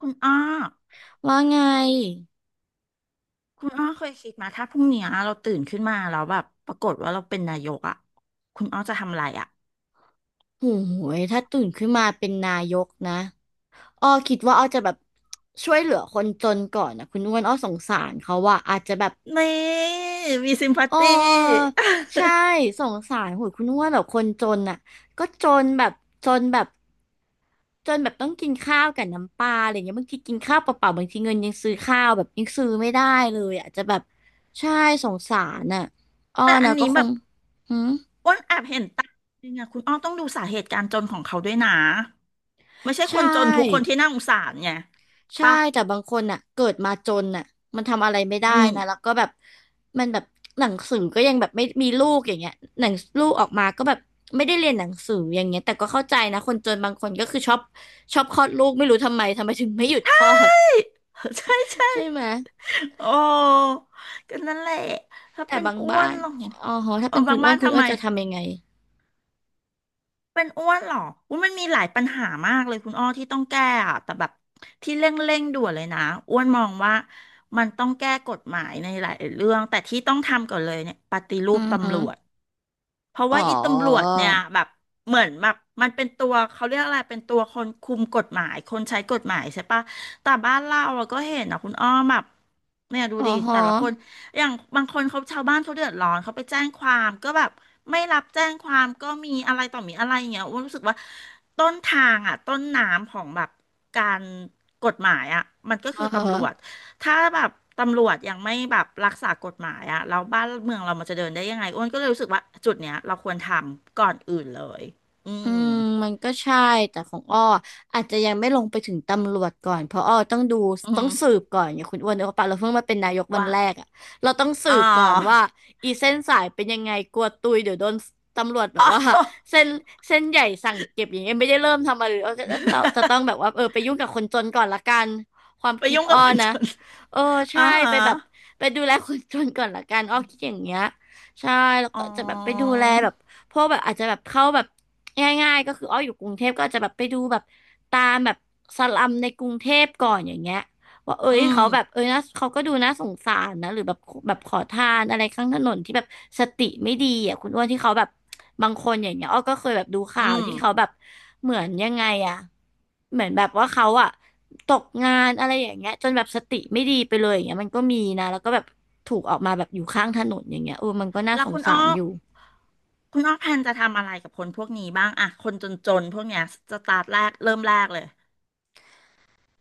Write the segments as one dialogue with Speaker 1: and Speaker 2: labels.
Speaker 1: คุณอ้อ
Speaker 2: ว่าไง
Speaker 1: คุณอ้อเคยคิดมาถ้าพรุ่งเนี้ยเราตื่นขึ้นมาแล้วแบบปรากฏว่าเราเป็นนายกอ่ะคุณอ้อจะทำอะไรอ่ะ
Speaker 2: โอ้โหยถ้าตื่นขึ้นมาเป็นนายกนะอ้อคิดว่าอ้อจะแบบช่วยเหลือคนจนก่อนนะคุณอ้วนอ้อสงสารเขาว่าอาจจะแบบ
Speaker 1: นี่มีซิมพัต
Speaker 2: อ้อ
Speaker 1: ตี
Speaker 2: ใช่ สงสารโหยคุณอ้วนแบบคนจนน่ะก็จนแบบจนแบบต้องกินข้าวกับน้ำปลาอะไรเงี้ยบางทีกินข้าวเปล่าๆบางทีเงินยังซื้อข้าวแบบยังซื้อไม่ได้เลยอะอาจจะแบบใช่สงสารน่ะอ้อ
Speaker 1: แต่อั
Speaker 2: นะ
Speaker 1: น
Speaker 2: ก็
Speaker 1: นี้
Speaker 2: ค
Speaker 1: แบ
Speaker 2: ง
Speaker 1: บ
Speaker 2: หืม
Speaker 1: อ้วนแอบเห็นตาจริงอะคุณอ้อต้องดูสาเหตุการจนของเขาด้วยนะ ไม่ใช่ค
Speaker 2: ใช่
Speaker 1: นจนทุกคนที่น่าสงสารไง
Speaker 2: ใช่
Speaker 1: ปะ
Speaker 2: แต่บางคนอ่ะเกิดมาจนอ่ะมันทำอะไรไม่ได้
Speaker 1: อืม
Speaker 2: นะแล้วก็แบบมันแบบหนังสือก็ยังแบบไม่มีลูกอย่างเงี้ยหนังลูกออกมาก็แบบไม่ได้เรียนหนังสืออย่างเงี้ยแต่ก็เข้าใจนะคนจนบางคนก็คือชอบคลอดลูกไม่รู้ทำไมถึงไม่หยุดคลอด
Speaker 1: ใช่ ใช่
Speaker 2: ใช่ไหม
Speaker 1: โอ้ก็นั่นแหละ ถ้า
Speaker 2: แต่
Speaker 1: เป็น
Speaker 2: บาง
Speaker 1: อ้ว
Speaker 2: บ้า
Speaker 1: น
Speaker 2: น
Speaker 1: เหรอ
Speaker 2: อ๋อฮะถ้า
Speaker 1: เออ
Speaker 2: เป็นคุ
Speaker 1: บา
Speaker 2: ณ
Speaker 1: ง
Speaker 2: อ้ว
Speaker 1: บ้า
Speaker 2: น
Speaker 1: น
Speaker 2: คุณ
Speaker 1: ทำ
Speaker 2: อ้ว
Speaker 1: ไม
Speaker 2: นจะทำยังไง
Speaker 1: เป็นอ้วนเหรออุ้ยมันมีหลายปัญหามากเลยคุณอ้อที่ต้องแก้อะแต่แบบที่เร่งด่วนเลยนะอ้วนมองว่ามันต้องแก้กฎหมายในหลายเรื่องแต่ที่ต้องทำก่อนเลยเนี่ยปฏิรู
Speaker 2: อื
Speaker 1: ป
Speaker 2: อฮึ
Speaker 1: ตำรวจ เพราะ
Speaker 2: อ๋อ
Speaker 1: ว่าอีตำรวจเนี่ยแบบเหมือนแบบมันเป็นตัวเขาเรียกอะไรเป็นตัวคนคุมกฎหมายคนใช้กฎหมายใช่ปะแต่บ้านเราอะก็เห็นนะคุณอ้อมแบบเนี่ยดู
Speaker 2: อ๋อ
Speaker 1: ดิ
Speaker 2: ฮ
Speaker 1: แต่ละคน
Speaker 2: ะ
Speaker 1: อย่างบางคนเขาชาวบ้านเขาเดือดร้อนเขาไปแจ้งความก็แบบไม่รับแจ้งความก็มีอะไรต่อมีอะไรอย่างเงี้ยอ้วนรู้สึกว่าต้นทางอะต้นน้ำของแบบการกฎหมายอะมันก็
Speaker 2: อ๋อ
Speaker 1: คือ
Speaker 2: ฮะ
Speaker 1: ตำรวจ ถ้าแบบตำรวจยังไม่แบบรักษากฎหมายอะแล้วบ้านเมืองเรามันจะเดินได้ยังไงอ้วนก็เลยรู้สึกว่าจุดเนี้ยเราควรทำก่อนอื่นเลยอื
Speaker 2: อื
Speaker 1: ม
Speaker 2: มมันก็ใช่แต่ของอ้ออาจจะยังไม่ลงไปถึงตำรวจก่อนเพราะอ้อต้องดู
Speaker 1: อื
Speaker 2: ต้อ
Speaker 1: ม
Speaker 2: งสืบก่อนอย่างคุณอ้วนเนอะปะเราเพิ่งมาเป็นนายกวัน
Speaker 1: ว่า
Speaker 2: แรกอ่ะเราต้องสื
Speaker 1: อ๋อ
Speaker 2: บก่อนว่าอีเส้นสายเป็นยังไงกลัวตุยเดี๋ยวโดนตำรวจแบ
Speaker 1: อ๋
Speaker 2: บ
Speaker 1: อ
Speaker 2: ว่าเส้นเส้นใหญ่สั่งเก็บอย่างเงี้ยไม่ได้เริ่มทำอะไรเลยอ้อก็จะต้องแบบว่าเออไปยุ่งกับคนจนก่อนละกันความ
Speaker 1: ไป
Speaker 2: คิด
Speaker 1: ยุ่ง
Speaker 2: อ้
Speaker 1: กับ
Speaker 2: อ
Speaker 1: คนจ
Speaker 2: นะ
Speaker 1: น
Speaker 2: เออ
Speaker 1: อ่า
Speaker 2: ใช่
Speaker 1: ฮะ
Speaker 2: ไปแบบไปดูแลคนจนก่อนละกันอ้อคิดอย่างเงี้ยใช่แล้ว
Speaker 1: อ๋อ
Speaker 2: ก็จะแบบไปดูแลแบบ พวกแบบอาจจะแบบเข้าแบบง่ายๆก็คืออ้ออยู่กรุงเทพก็อาจจะแบบไปดูแบบตามแบบสลัมในกรุงเทพก่อนอย่างเงี้ยว่าเอ้
Speaker 1: อื
Speaker 2: ย
Speaker 1: ม
Speaker 2: เขาแบบเอ้ยนะเขาก็ดูน่าสงสารนะหรือแบบแบบขอทานอะไรข้างถนนที่แบบสติไม่ดีอ่ะคุณอ้วนที่เขาแบบบางคนอย่างเงี้ยอ้อก็เคยแบบดูข่า
Speaker 1: อื
Speaker 2: ว
Speaker 1: ม
Speaker 2: ที่เขาแบบเหมือนยังไงอ่ะเหมือนแบบว่าเขาอ่ะตกงานอะไรอย่างเงี้ยจนแบบสติไม่ดีไปเลยอย่างเงี้ยมันก็มีนะแล้วก็แบบถูกออกมาแบบอยู่ข้างถนนอย่างเงี้ยเออมันก็น่า
Speaker 1: แล้
Speaker 2: ส
Speaker 1: ว
Speaker 2: ง
Speaker 1: คุณ
Speaker 2: สา
Speaker 1: อ้อ
Speaker 2: รอยู่
Speaker 1: คุณอ้อแพนจะทำอะไรกับคนพวกนี้บ้างอะคนจนๆพวกเนี้ยสตาร์ทแรกเริ่มแรกเลย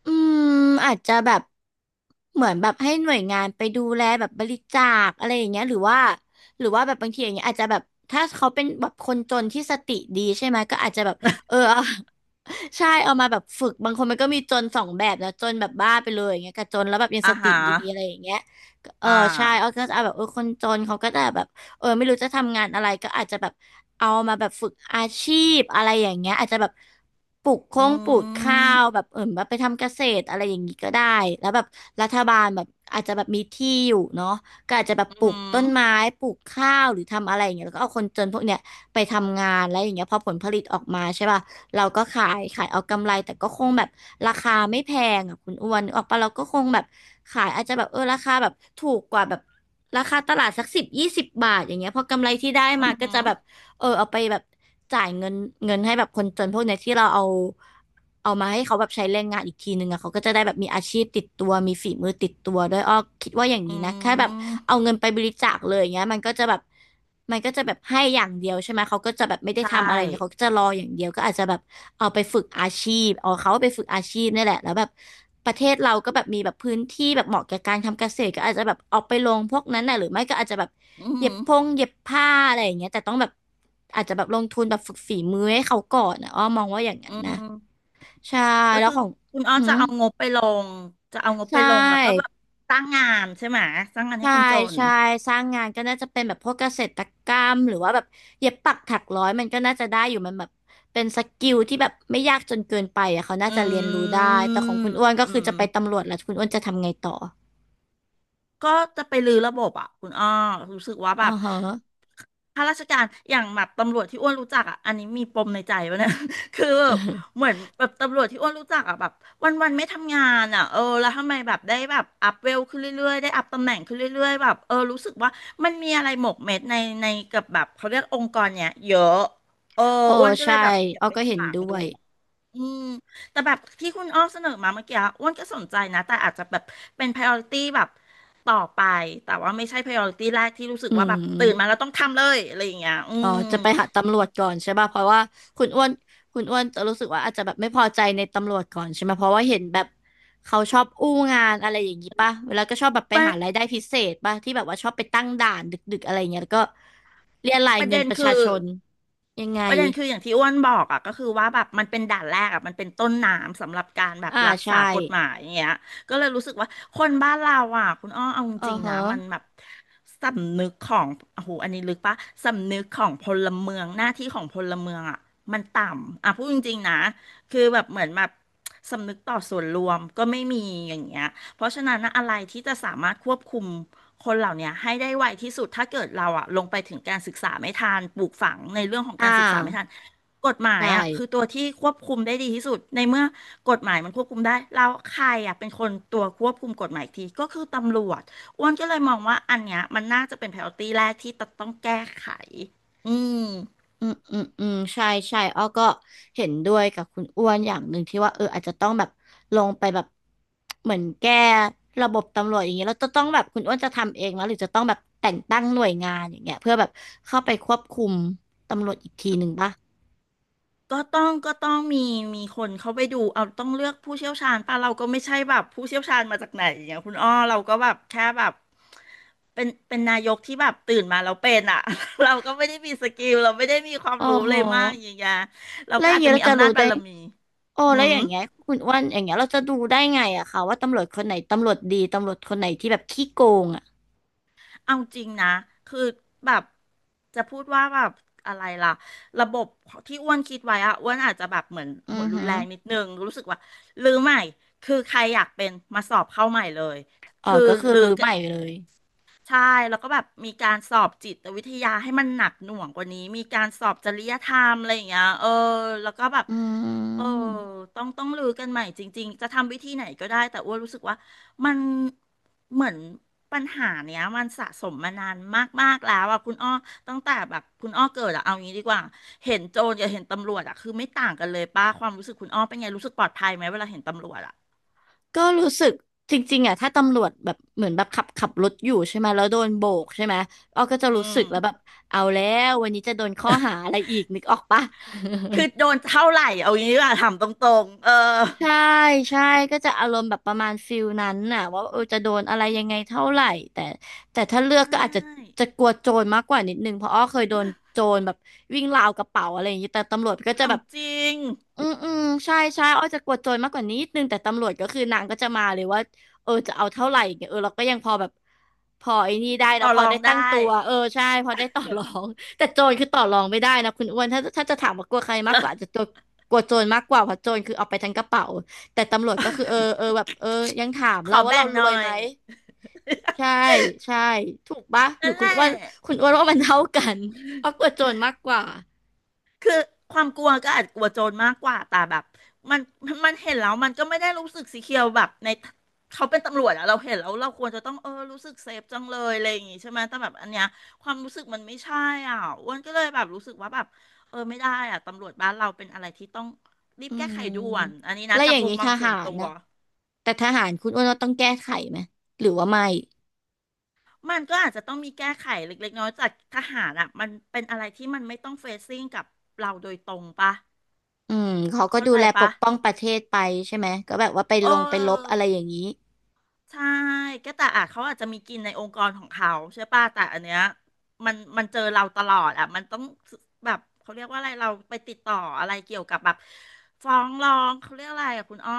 Speaker 2: อืมอาจจะแบบเหมือนแบบให้หน่วยงานไปดูแลแบบบริจาคอะไรอย่างเงี้ยหรือว่าแบบบางทีอย่างเงี้ยอาจจะแบบถ้าเขาเป็นแบบคนจนที่สติดีใช่ไหมก็อาจจะแบบเออ เอาใช่เอามาแบบฝึกบางคนมันก็มีจนสองแบบนะจนแบบบ้าไปเลยอย่างเงี้ยกับจนแล้วแบบยัง
Speaker 1: อ่า
Speaker 2: สติ
Speaker 1: ฮะ
Speaker 2: ดีอะไรอย่างเงี้ยก็เออ
Speaker 1: อ่า
Speaker 2: ใช่เอาก็จะเอาแบบเออคนจนเขาก็จะแบบ เออไม่รู้จะทำงานอะไรก็อาจจะแบบเอามาแบบฝึกอาชีพอะไรอย่างเงี้ยอาจจะแบบปลูก
Speaker 1: อื
Speaker 2: โค้งปลูกข้าวแบ
Speaker 1: ม
Speaker 2: บเออแบบไปทำเกษตรอะไรอย่างงี้ก็ได้แล้วแบบรัฐบาลแบบอาจจะแบบมีที่อยู่เนาะก็อาจจะแบบ
Speaker 1: อื
Speaker 2: ปลูก
Speaker 1: ม
Speaker 2: ต้นไม้ปลูกข้าวหรือทำอะไรอย่างเงี้ยแล้วก็เอาคนจนพวกเนี้ยไปทำงานแล้วอย่างเงี้ยพอผลผลิตออกมาใช่ป่ะเราก็ขายเอากำไรแต่ก็คงแบบราคาไม่แพงอ่ะคุณอ้วนนึกออกปะเราก็คงแบบขายอาจจะแบบเออราคาแบบถูกกว่าแบบ ราคาตลาดสัก10-20 บาทอย่างเงี้ยพอกำไรที่ได้
Speaker 1: อื
Speaker 2: มา
Speaker 1: อ
Speaker 2: ก็
Speaker 1: หื
Speaker 2: จะ
Speaker 1: อ
Speaker 2: แบบ เออเอาไปแบบจ่ายเงินเงินให้แบบคนจนพวกเนี้ยที่เราเอามาให้เขาแบบใช้แรงงานอีกทีนึงอะเขาก็จะได้แบบมีอาชีพติดตัวมีฝีมือติดตัวด้วยอ้อคิดว่าอย่างนี้
Speaker 1: อื
Speaker 2: นะแค่แบบเอา
Speaker 1: ม
Speaker 2: เงินไปบริจาคเลยอย่างเงี้ยมันก็จะแบบให้อย่างเดียวใช่ไหมเขาก็จะแบบไม่ได้
Speaker 1: ใช
Speaker 2: ทำอะไรอย่างเงี้ยเขา
Speaker 1: ่
Speaker 2: ก็จะรออย่างเดียวก็อาจจะแบบเอาไปฝึกอาชีพเอาเขาไปฝึกอาชีพนี่แหละแล้วแบบประเทศเราก็แบบมีแบบพื้นที่แบบเหมาะแก่การทำเกษตรก็อาจจะแบบเอาไปลงพวกนั้นน่ะหรือไม่ก็อาจจะแบบ
Speaker 1: อื
Speaker 2: เย็
Speaker 1: ม
Speaker 2: บพงเย็บผ้าอะไรอย่างเงี้ยแต่ต้องแบบ อาจจะแบบลงทุนแบบฝึกฝีมือให้เขาก่อนนะอ้อมองว่าอย่างนั้
Speaker 1: อื
Speaker 2: นนะ
Speaker 1: ม
Speaker 2: ใช่
Speaker 1: ก็
Speaker 2: แล้ว
Speaker 1: คือ
Speaker 2: ของ
Speaker 1: คุณอ้อ
Speaker 2: อื
Speaker 1: จะ
Speaker 2: ม
Speaker 1: เอางบไปลงจะเอางบไป
Speaker 2: ใช่
Speaker 1: ลงแล้วก็แบบสร้างงานใช่ไหมสร้างงานให้
Speaker 2: ใช่
Speaker 1: คนจน
Speaker 2: ใช่สร้างงานก็น่าจะเป็นแบบพวกเกษตรกรรมหรือว่าแบบเย็บปักถักร้อยมันก็น่าจะได้อยู่มันแบบเป็นสกิลที่แบบไม่ยากจนเกินไปอ่ะเขาน่า
Speaker 1: อื
Speaker 2: จะเรียนรู้ได้
Speaker 1: ม
Speaker 2: แต่ของคุณอ้วนก็
Speaker 1: อื
Speaker 2: คือจะไป
Speaker 1: ม
Speaker 2: ตำรวจแล้วคุณอ้วนจะทำไงต่อ
Speaker 1: ก็จะไปรื้อระบบอ่ะคุณอ้อรู้สึกว่าแบ
Speaker 2: อ๋อ
Speaker 1: บ
Speaker 2: ฮะ
Speaker 1: ข้าราชการอย่างแบบตำรวจที่อ้วนรู้จักอ่ะอันนี้มีปมในใจวะเนี่ย คือแบบ เหมือนแบบตำรวจที่อ้วนรู้จักอ่ะแบบวันวันไม่ทำงานอ่ะเออแล้วทำไมแบบได้แบบอัพเวลขึ้นเรื่อยๆได้อัพตำแหน่งขึ้นเรื่อยๆแบบเออรู้สึกว่ามันมีอะไรหมกเม็ดในกับแบบเขาเรียกองค์กรเนี่ยเยอะเออ
Speaker 2: โอ้
Speaker 1: อ้วนก็เล
Speaker 2: ใช่
Speaker 1: ยแบบอยาก
Speaker 2: อ้อ
Speaker 1: ไป
Speaker 2: ก็เห็
Speaker 1: สา
Speaker 2: น
Speaker 1: ง
Speaker 2: ด้ว
Speaker 1: ดู
Speaker 2: ย
Speaker 1: อืมแต่แบบที่คุณอ้อเสนอมาเมื่อกี้อ้วนก็สนใจนะแต่อาจจะแบบเป็น priority แบบต่อไปแต่ว่าไม่ใช่ priority แรกที่รู้สึก
Speaker 2: อื
Speaker 1: ว่าแบบตื่นมาแล้ว
Speaker 2: ม
Speaker 1: ต้องทำเลยอะไรอย่างเงี้ยอื
Speaker 2: อ๋อ
Speaker 1: ม
Speaker 2: จะไปหาตำรวจก่อนใช่ป่ะเพราะว่าคุณอ้วนคุณอ้วนจะรู้สึกว่าอาจจะแบบไม่พอใจในตำรวจก่อนใช่ไหมเพราะว่าเห็นแบบเขาชอบอู้งานอะไรอย่างนี้ป่ะแล้วก็ชอบแบบไป
Speaker 1: ประ
Speaker 2: หารายได้พิเศษป่ะที่แบบว่าชอบไปตั้งด่านดึกๆอะไรเงี้ยแล้วก็เรียราย
Speaker 1: ประ
Speaker 2: เงิน
Speaker 1: เด็น
Speaker 2: ประชา
Speaker 1: คือ
Speaker 2: ชนยังไง
Speaker 1: ประเด็นคืออย่างที่อ้วนบอกอ่ะก็คือว่าแบบมันเป็นด่านแรกอ่ะมันเป็นต้นน้ำสำหรับการแบบ
Speaker 2: อ่า
Speaker 1: รัก
Speaker 2: ใช่
Speaker 1: ษากฎหมายอย่างเงี้ยก็เลยรู้สึกว่าคนบ้านเราอ่ะคุณอ้อเอาจ
Speaker 2: เออ
Speaker 1: ริงๆนะ
Speaker 2: ฮะ
Speaker 1: มันแบบสำนึกของโอ้โหอันนี้ลึกปะสำนึกของพลเมืองหน้าที่ของพลเมืองอ่ะมันต่ำอ่ะพูดจริงๆนะคือแบบเหมือนแบบสำนึกต่อส่วนรวมก็ไม่มีอย่างเงี้ยเพราะฉะนั้นนะอะไรที่จะสามารถควบคุม คนเหล่าเนี้ยให้ได้ไวที่สุดถ้าเกิดเราอะลงไปถึงการศึกษาไม่ทันปลูกฝังในเรื่องของ
Speaker 2: อ่า
Speaker 1: การศึกษาไม่ทันกฎหมาย
Speaker 2: ใช่
Speaker 1: อะคือตัวที่ควบคุมได้ดีที่สุดในเมื่อกฎหมายมันควบคุมได้แล้วใครอะเป็นคนตัวควบคุมกฎหมายอีกทีก็คือตำรวจอ้วนก็เลยมองว่าอันเนี้ยมันน่าจะเป็น priority แรกที่ต้องแก้ไขอืม
Speaker 2: อืมอืมอืมใช่ใช่อ้อก็เห็นด้วยกับคุณอ้วนอย่างหนึ่งที่ว่าเอออาจจะต้องแบบลงไปแบบเหมือนแก้ระบบตำรวจอย่างเงี้ยแล้วจะต้องแบบคุณอ้วนจะทำเองไหมหรือจะต้องแบบแต่งตั้งหน่วยงานอย่างเงี้ยเพื่อแบบเข้าไปควบคุมตำรวจอีกทีหนึ่งป่ะ
Speaker 1: ก็ต้องมีคนเขาไปดูเอาต้องเลือกผู้เชี่ยวชาญป่ะเราก็ไม่ใช่แบบผู้เชี่ยวชาญมาจากไหนอย่างเงี้ยคุณอ้อเราก็แบบแค่แบบเป็นนายกที่แบบตื่นมาแล้วเป็นอ่ะ เราก็ไม่ได้มีสกิลเราไม่ได้มีความ
Speaker 2: อ๋อ
Speaker 1: รู้
Speaker 2: โห
Speaker 1: เลยมากอย่างเงี้ยเรา
Speaker 2: แล้ว
Speaker 1: ก็
Speaker 2: อย่า
Speaker 1: อาจ
Speaker 2: งเงี้
Speaker 1: จะ
Speaker 2: ย
Speaker 1: มี
Speaker 2: เราจะ
Speaker 1: อำนา
Speaker 2: รู้
Speaker 1: จ
Speaker 2: ได้
Speaker 1: บารมี
Speaker 2: โอ้
Speaker 1: อื
Speaker 2: แล้วอ
Speaker 1: ม
Speaker 2: ย่างเงี้ยคุณอ้วนอย่างเงี้ยเราจะดูได้ไงอะคะว่าตำรวจคนไหนตำรวจดีตำรวจคนไหนที่แบบขี้โกงอะ
Speaker 1: เอาจริงนะคือแบบจะพูดว่าแบบอะไรล่ะระบบที่อ้วนคิดไว้อะอ้วนอาจจะแบบเหมือน
Speaker 2: อื
Speaker 1: หัว
Speaker 2: อ
Speaker 1: รุน
Speaker 2: หือ
Speaker 1: แรงนิดนึง รู้สึกว่าลือใหม่ คือใครอยากเป็นมาสอบเข้าใหม่เลย
Speaker 2: อ๋อ
Speaker 1: คือ
Speaker 2: ก็คือ
Speaker 1: ลือ
Speaker 2: รื้อใหม่เลย
Speaker 1: ใช่แล้วก็แบบมีการสอบจิตวิทยาให้มันหนักหน่วงกว่านี้มีการสอบจริยธรรมอะไรอย่างเงี้ยเออแล้วก็แบบ
Speaker 2: อื
Speaker 1: เออ
Speaker 2: ม
Speaker 1: ต้องลือกันใหม่จริงๆจะทำวิธีไหนก็ได้แต่อ้วนรู้สึกว่ามันเหมือนปัญหาเนี้ยมันสะสมมานานมากๆแล้วอ่ะคุณอ้อตั้งแต่แบบคุณอ้อเกิดอะเอางี้ดีกว่าเห็นโจรกับเห็นตำรวจอะคือไม่ต่างกันเลยป้าความรู้สึกคุณอ้อเป็นไงรู้สึกปลอดภัยไหมเวลาเห็นตำรวจอะ
Speaker 2: ก็รู้สึกจริงๆอ่ะถ้าตำรวจแบบเหมือนแบบขับรถอยู่ใช่ไหมแล้วโดนโบกใช่ไหมอ้อก็จะ
Speaker 1: อื
Speaker 2: รู้สึ
Speaker 1: ม
Speaker 2: กแล้วแบบเอาแล้ววันนี้จะโดนข้อหาอะไรอีกนึกออกปะ
Speaker 1: คือโดนเท่าไหร่เอางี้ดีกว่าถามตรงๆเออ
Speaker 2: ใช่ใช่ก็จะอารมณ์แบบประมาณฟิลนั้นน่ะว่าเออจะโดนอะไรยังไงเท่าไหร่แต่ถ้าเลื
Speaker 1: ใช
Speaker 2: อกก็อาจจะ
Speaker 1: ่
Speaker 2: จะกลัวโจรมากกว่านิดนึงเพราะอ้อเคยโดนโจรแบบวิ่งราวกระเป๋าอะไรอย่างนี้แต่ตำรวจก็จะ
Speaker 1: ถา
Speaker 2: แบ
Speaker 1: ม
Speaker 2: บ
Speaker 1: จริง
Speaker 2: อืมอืมใช่ใช่อ้อยจะกดโจรมากกว่านี้นิดนึงแต่ตำรวจก็คือนางก็จะมาเลยว่าเออจะเอาเท่าไหร่อย่างเงี้ยเออเราก็ยังพอแบบพอไอ้นี่ได้
Speaker 1: ต่
Speaker 2: นะ
Speaker 1: อ
Speaker 2: พอ
Speaker 1: รอ
Speaker 2: ได้
Speaker 1: งได้
Speaker 2: ตั้งตัวเออใช่พอได้ต่อรองแต่โจรคือต่อรองไม่ได้นะคุณอ้วนถ้าจะถามว่ากลัวใครมากกว่าอาจจะโจรกลัวโจรมากกว่าเพราะโจรคือเอาไปทั้งกระเป๋าแต่ตำรวจก็คือเออเออ แบบเออยังถาม
Speaker 1: ข
Speaker 2: เรา
Speaker 1: อ
Speaker 2: ว่า
Speaker 1: แบ่
Speaker 2: เรา
Speaker 1: ง
Speaker 2: ร
Speaker 1: หน่
Speaker 2: ว
Speaker 1: อ
Speaker 2: ยไหม
Speaker 1: ย
Speaker 2: ใช่ใช่ถูกปะหรือ
Speaker 1: นั่นแห
Speaker 2: คุณ
Speaker 1: ละ
Speaker 2: อ้วนคุณอ้วนว่ามันเท่ากันอ้อยกลัวโจรมากกว่า
Speaker 1: คือความกลัวก็อาจกลัวโจรมากกว่าแต่แบบมันมันเห็นแล้วมันก็ไม่ได้รู้สึกสีเขียวแบบในเขาเป็นตำรวจอะเราเห็นแล้วเราควรจะต้องเออรู้สึกเซฟจังเลยอะไรอย่างงี้ใช่ไหมแต่แบบอันเนี้ยความรู้สึกมันไม่ใช่อ่ะอ้วนก็เลยแบบรู้สึกว่าแบบเออไม่ได้อ่ะตำรวจบ้านเราเป็นอะไรที่ต้องรีบ
Speaker 2: อื
Speaker 1: แก้ไข
Speaker 2: ม
Speaker 1: ด่วนอันนี้นะ
Speaker 2: แล้ว
Speaker 1: จา
Speaker 2: อ
Speaker 1: ก
Speaker 2: ย่าง
Speaker 1: มุม
Speaker 2: นี้
Speaker 1: ม
Speaker 2: ท
Speaker 1: องส่
Speaker 2: หา
Speaker 1: วน
Speaker 2: ร
Speaker 1: ตัว
Speaker 2: นะ แต่ทหารคุณอ้วนว่าต้องแก้ไขไหมหรือว่าไม่
Speaker 1: มันก็อาจจะต้องมีแก้ไขเล็กๆน้อยๆจากทหารอ่ะมันเป็นอะไรที่มันไม่ต้องเฟซซิ่งกับเราโดยตรงปะ
Speaker 2: อืมเขาก็
Speaker 1: เข้า
Speaker 2: ดู
Speaker 1: ใจ
Speaker 2: แลป
Speaker 1: ปะ
Speaker 2: กป้องประเทศไปใช่ไหมก็แบบว่าไป
Speaker 1: เอ
Speaker 2: ลงไปลบอะ
Speaker 1: อ
Speaker 2: ไรอย่างนี้
Speaker 1: ใช่ก็แต่อ่ะเขาอาจจะมีกินในองค์กรของเขาใช่ปะแต่อันเนี้ยมันเจอเราตลอดอ่ะมันต้องแบบเขาเรียกว่าอะไรเราไปติดต่ออะไรเกี่ยวกับแบบฟ้องร้องเขาเรียกอะไรอ่ะคุณอ้อ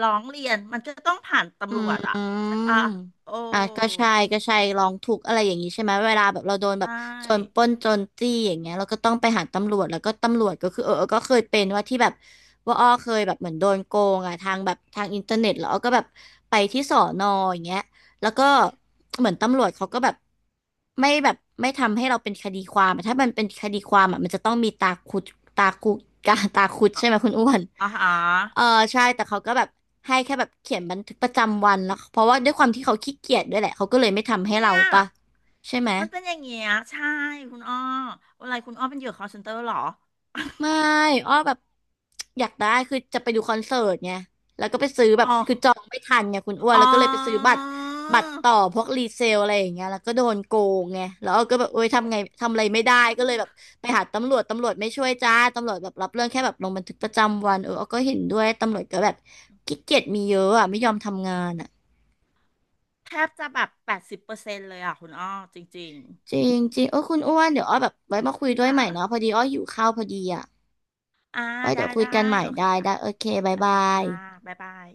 Speaker 1: ร้องเรียนมันจะต้องผ่าน
Speaker 2: อื
Speaker 1: ตำรวจอ่ะใช่
Speaker 2: ม
Speaker 1: ปะโอ้
Speaker 2: อ่ะก็ใช่ก็ใช่ลองทุกข์อะไรอย่างนี้ใช่ไหมเวลาแบบเราโดน
Speaker 1: ใช
Speaker 2: แบบโจรป
Speaker 1: ่
Speaker 2: ล้นโจรจี้อย่างเงี้ยเราก็ต้องไปหาตำรวจแล้วก็ตำรวจก็คือเออเออก็เคยเป็นว่าที่แบบว่าอ้อเคยแบบเหมือนโดนโกงอ่ะทางแบบทางอินเทอร์เน็ตแล้วอ้อก็แบบไปที่สอนออย่างเงี้ยแล้วก็เหมือนตำรวจเขาก็แบบไม่แบบไม่ทำให้เราเป็นคดีความอะถ้ามันเป็นคดีความอ่ะมันจะต้องมีตาคุกตาคุด
Speaker 1: อ่ะ
Speaker 2: ใช่ไหมคุณอ้วน
Speaker 1: อ่าฮะ
Speaker 2: เออใช่แต่เขาก็แบบให้แค่แบบเขียนบันทึกประจำวันแล้วเพราะว่าด้วยความที่เขาขี้เกียจด้วยแหละเขาก็เลยไม่ทำให้
Speaker 1: เนี่
Speaker 2: เรา
Speaker 1: ย
Speaker 2: ปะใช่ไหม
Speaker 1: มันเป็นอย่างเงี้ยใช่คุณอ้ออะไรคุณอ้อเป็นเหยื่อ call center เหรอ
Speaker 2: ไม่อ้อแบบอยากได้คือจะไปดูคอนเสิร์ตไงแล้วก็ไปซื้อแบบ
Speaker 1: อ๋อ
Speaker 2: คือจองไม่ทันไงคุณอ้วน
Speaker 1: อ๋
Speaker 2: แล้วก็เลยไปซื้อบั
Speaker 1: อ
Speaker 2: ตรบัตรต่อพวกรีเซลอะไรอย่างเงี้ยแล้วก็โดนโกงไงแล้วอ้อก็แบบโอ๊ยทำไงทำอะไรไม่ได้ก็เลยแบบไปหาตำรวจตำรวจไม่ช่วยจ้าตำรวจแบบรับเรื่องแค่แบบลงบันทึกประจำวันเอออ้อก็เห็นด้วยตำรวจก็แบบขี้เกียจมีเยอะอ่ะไม่ยอมทำงานอ่ะ
Speaker 1: แทบจะแบบ80%เลยอ่ะคุณอ้อจริง
Speaker 2: จริ
Speaker 1: ๆ
Speaker 2: ง
Speaker 1: อื
Speaker 2: จ
Speaker 1: ม
Speaker 2: ริงเออคุณอ้วนเดี๋ยวอ้อแบบไว้มาคุย
Speaker 1: ค
Speaker 2: ด้วยใหม่เนาะพ
Speaker 1: ่ะ
Speaker 2: อดีอ้อหิวข้าวพอดีอ่ะ
Speaker 1: อ่า
Speaker 2: ไว้
Speaker 1: ได้
Speaker 2: เดี๋ยวคุย
Speaker 1: ได้
Speaker 2: กันใหม่
Speaker 1: โอเค
Speaker 2: ได้
Speaker 1: ค่ะ
Speaker 2: ได้โอเคบ๊าย
Speaker 1: โอเค
Speaker 2: บา
Speaker 1: ค่ะ
Speaker 2: ย
Speaker 1: บ๊ายบาย